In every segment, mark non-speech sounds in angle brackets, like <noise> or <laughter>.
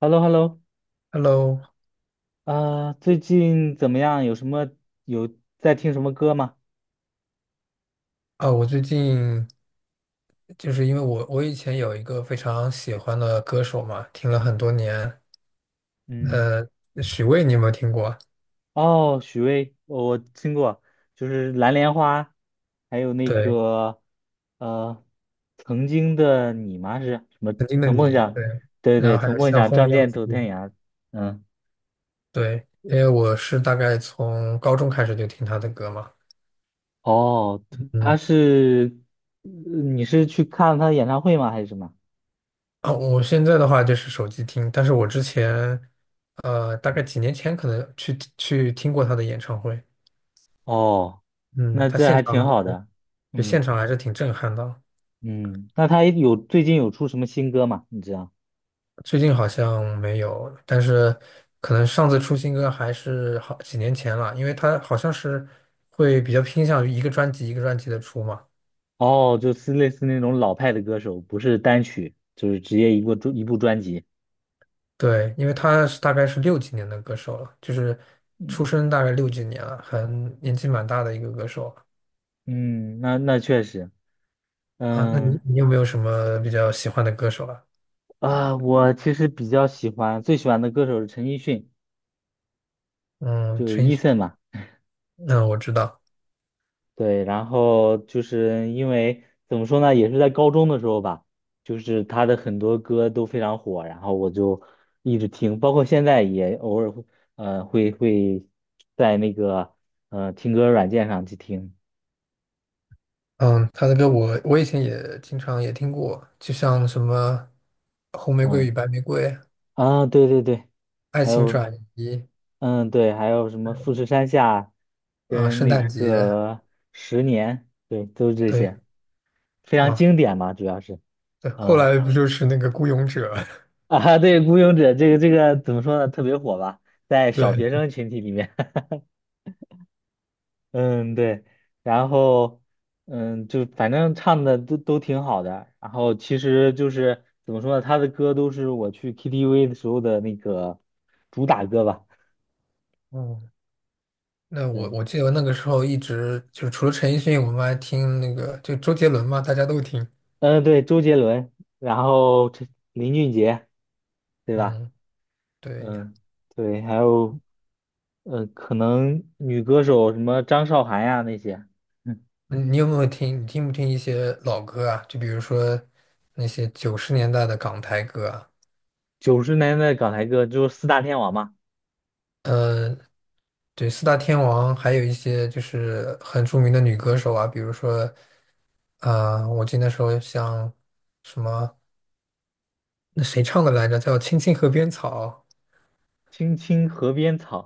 h e l l o Hello，啊，最近怎么样？有在听什么歌吗？啊，我最近就是因为我以前有一个非常喜欢的歌手嘛，听了很多年，嗯，呃，许巍你有没有听过？哦，许巍，我听过，就是《蓝莲花》，还有那对个呃，曾经的你吗？是什么？曾梦想，对，对然对，后还曾有梦像想，风仗一样剑自走己，天涯。嗯，对，因为我是大概从高中开始就听他的歌嘛，哦，他嗯，是，呃你是去看他的演唱会吗？还是什么？啊，我现在的话就是手机听，但是我之前，大概几年前可能去听过他的演唱会，哦，嗯，那他这现还场还挺好是，的。对，嗯。现场还是挺震撼的，嗯，那他最近有出什么新歌吗？你知道？最近好像没有，但是可能上次出新歌还是好几年前了，因为他好像是会比较偏向于一个专辑一个专辑的出嘛。哦，就是类似那种老派的歌手，不是单曲，就是直接一部专辑。对，因为他是大概是六几年的歌手了，就是嗯出生大概六几年了，很年纪蛮大的一个歌手了嗯，那确实，啊。那你嗯你有没有什么比较喜欢的歌手啊？啊，我其实比较喜欢，最喜欢的歌手是陈奕迅，嗯，就是 陈奕迅，Eason 嘛。嗯，我知道，对，然后就是因为怎么说呢，也是在高中的时候吧，就是他的很多歌都非常火，然后我就一直听，包括现在也偶尔会，呃，会会在那个听歌软件上去听，嗯，他的歌我以前也经常也听过，就像什么《红玫瑰嗯与白玫瑰》啊，对对对，《爱还情有转移》对，还有什么富士山下啊，跟圣那诞节，个十年，对，都是这些对非常啊，经典嘛，主要是对，后嗯。来不就是那个《孤勇者》<laughs> 啊，对，《孤勇者》这个怎么说呢？特别火吧，<laughs>？在小对，学生群体里面。<laughs> 嗯，对。然后，嗯，就反正唱的都挺好的。然后其实就是怎么说呢？他的歌都是我去 KTV 的时候的那个主打歌吧。嗯，那我对，我记得那个时候一直就是除了陈奕迅，我们还听那个就周杰伦嘛，大家都听。嗯，对，周杰伦，然后这林俊杰，对吧？嗯，对呀，嗯，对，还有可能女歌手什么张韶涵呀那些。嗯你有没有听？你听不听一些老歌啊？就比如说那些90年代的港台歌啊，90年代港台歌就是四大天王嘛，呃，对，四大天王，还有一些就是很著名的女歌手啊，比如说，我记得那时候像什么。那谁唱的来着？叫《青青河边草》《青青河边草》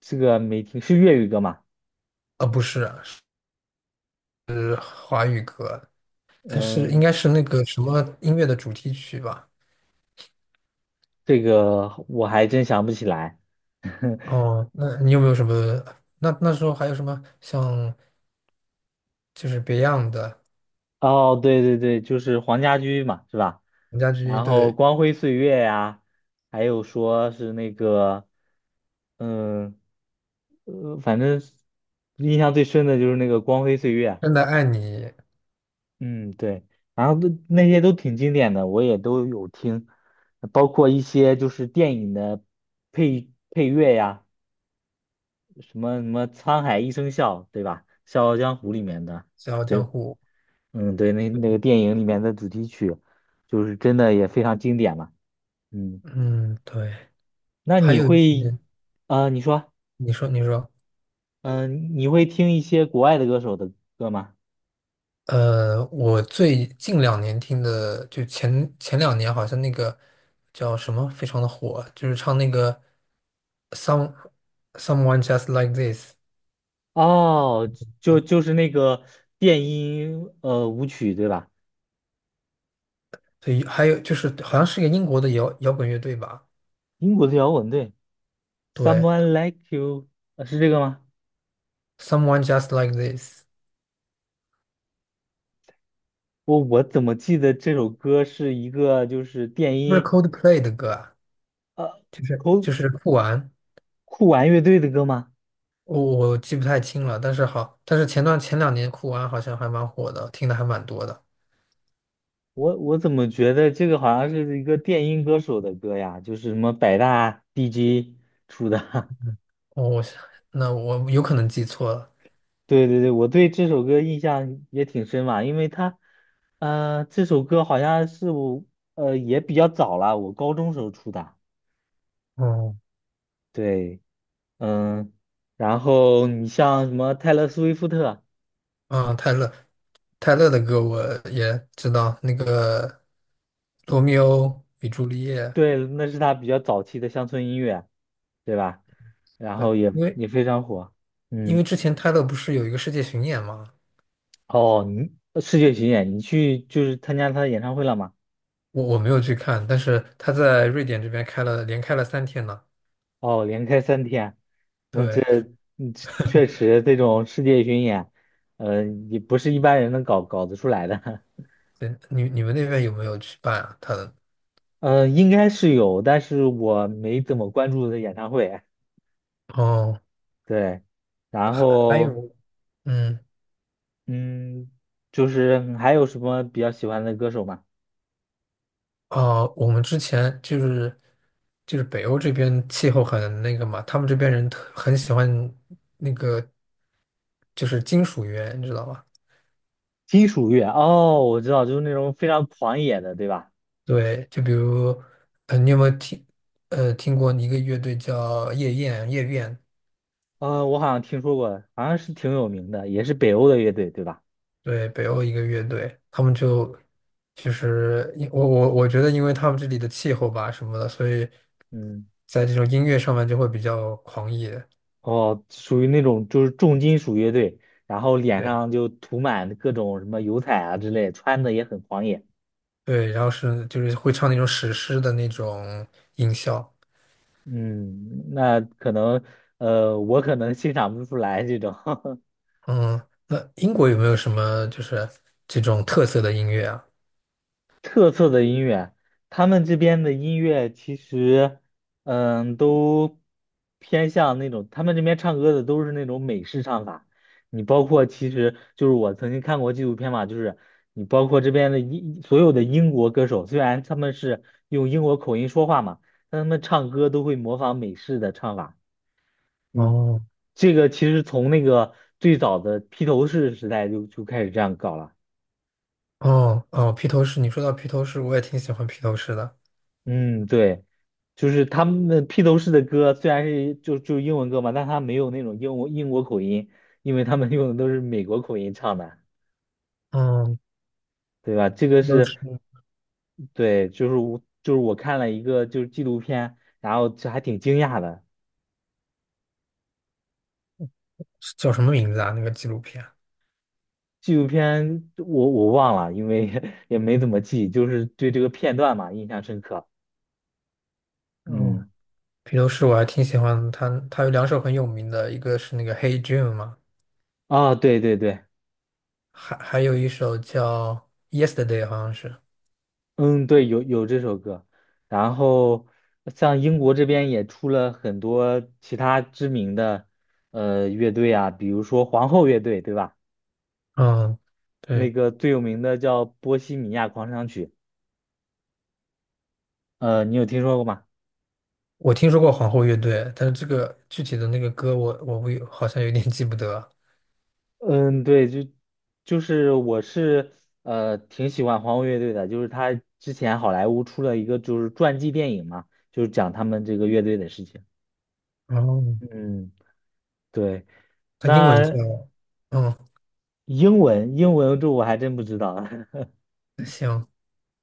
这个没听，是粤语歌嘛？啊，不是啊，是华语歌，是应嗯，该是那个什么音乐的主题曲吧？这个我还真想不起来。<laughs> 哦，那你有没有什么？那时候还有什么像就是 Beyond 的哦，对对对，就是黄家驹嘛，是吧？陈家驹然后对《光辉岁月》呀，还有说是那个，嗯，反正印象最深的就是那个《光辉岁月》。《真的爱你》嗯，对，然后都那些都挺经典的，我也都有听，包括一些就是电影的配乐呀，什么什么《沧海一声笑》，对吧？《笑傲江湖》里面的，《笑傲江对，湖》，嗯，对，那个电影里面的主题曲，就是真的也非常经典嘛。嗯，嗯，对，那还你有一会，些你说，你说嗯、你会听一些国外的歌手的歌吗？我最近两年听的，就前两年好像那个叫什么非常的火，就是唱那个 Some Someone Just Like This，哦，就是那个电音舞曲，对吧？所以还有就是好像是一个英国的摇滚乐队吧，英国的摇滚，对。对 Someone Like You，是这个吗？，Someone Just Like This，我怎么记得这首歌是一个就是电不是 音 Coldplay 的歌啊，就是酷就是酷玩，酷玩乐队的歌吗？我记不太清了，但是好，但是前两年酷玩好像还蛮火的，听的还蛮多的，我怎么觉得这个好像是一个电音歌手的歌呀？就是什么百大 DJ 出的。<laughs> 我我那我有可能记错了，对对对，我对这首歌印象也挺深嘛，因为它，这首歌好像是我，也比较早了，我高中时候出的。哦。对，嗯，然后你像什么泰勒·斯威夫特。啊，泰勒，泰勒的歌我也知道，那个《罗密欧与朱丽叶》。对，那是他比较早期的乡村音乐，对吧？然对，后也因为也非常火。因为嗯，之前泰勒不是有一个世界巡演嘛，哦，你世界巡演，你去就是参加他的演唱会了吗？我没有去看，但是他在瑞典这边开了，连开了3天呢。哦，连开3天，那对，嗯确实这种世界巡演，呃，也不是一般人能搞得出来的。对，你们那边有没有去办啊？他的 <laughs> 应该是有，但是我没怎么关注的演唱会。哦，对，然还后有，嗯。嗯，就是还有什么比较喜欢的歌手吗？我们之前就是北欧这边气候很那个嘛，他们这边人特很喜欢那个就是金属乐，你知道吧？金属乐哦，我知道，就是那种非常狂野的，对吧？对，就比如你有没有听听过一个乐队叫夜宴？我好像听说过，好像是挺有名的，也是北欧的乐队，对吧？对，北欧一个乐队，他们就其实因我我我觉得，因为他们这里的气候吧什么的，所以嗯，在这种音乐上面就会比较狂野。哦，属于那种就是重金属乐队，然后脸对上就涂满各种什么油彩啊之类，穿的也很狂野。对，然后是就是会唱那种史诗的那种音效。嗯，那可能我可能欣赏不出来这种。<laughs> 嗯，那英国有没有什么就是这种特色的音乐啊？特色的音乐，他们这边的音乐其实，都偏向那种，他们这边唱歌的都是那种美式唱法。你包括其实就是我曾经看过纪录片嘛，就是你包括这边的所有的英国歌手，虽然他们是用英国口音说话嘛，但他们唱歌都会模仿美式的唱法。嗯，哦这个其实从那个最早的披头士时代就开始这样搞了。哦哦，披头士，你说到披头士，我也挺喜欢披头士的。嗯，对，就是他们的披头士的歌虽然是就英文歌嘛，但他没有那种英国口音，因为他们用的都是美国口音唱的，嗯，对吧？这个披头是士对，就是我看了一个就是纪录片，然后这还挺惊讶的。是叫什么名字啊？那个纪录片？纪录片我忘了，因为 <laughs> 也没怎么记，就是对这个片段嘛印象深刻。哦，嗯，披头士我还挺喜欢他，他有2首很有名的，一个是那个《Hey Jude》嘛，啊，对对对。还有一首叫《Yesterday》，好像是。嗯，对，有这首歌，然后像英国这边也出了很多其他知名的乐队啊，比如说皇后乐队，对吧？嗯，那对。个最有名的叫《波西米亚狂想曲》，你有听说过吗？我听说过皇后乐队，但是这个具体的那个歌我不好像有点记不得。嗯，对，就是我是挺喜欢皇后乐队的，就是他之前好莱坞出了一个就是传记电影嘛，就是讲他们这个乐队的事情。哦，嗯，对，它英文叫，那嗯，英文这我还真不知道。<laughs> 行，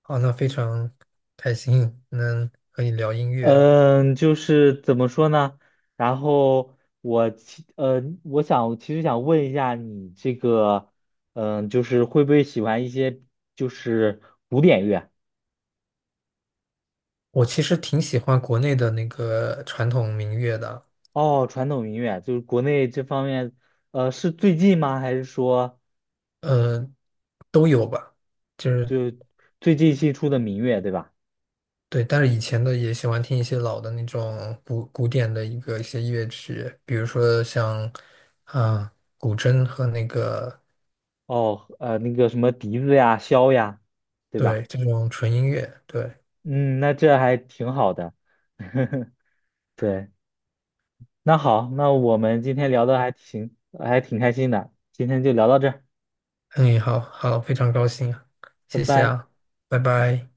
好，那非常开心能和你聊音乐啊。嗯，就是怎么说呢？然后我想其实想问一下你这个，嗯，就是会不会喜欢一些就是古典乐？我其实挺喜欢国内的那个传统民乐的，哦，传统民乐，就是国内这方面，是最近吗？还是说呃，就是就最近新出的民乐，对吧？对，但是以前的也喜欢听一些老的那种古典的一些乐曲，比如说像啊古筝和那个哦，那个什么笛子呀、箫呀，对对吧？这种纯音乐，对。嗯，那这还挺好的，<laughs> 对。那好，那我们今天聊的还挺开心的，今天就聊到这儿嗯，好好，非常高兴啊，拜谢谢拜。啊，拜拜。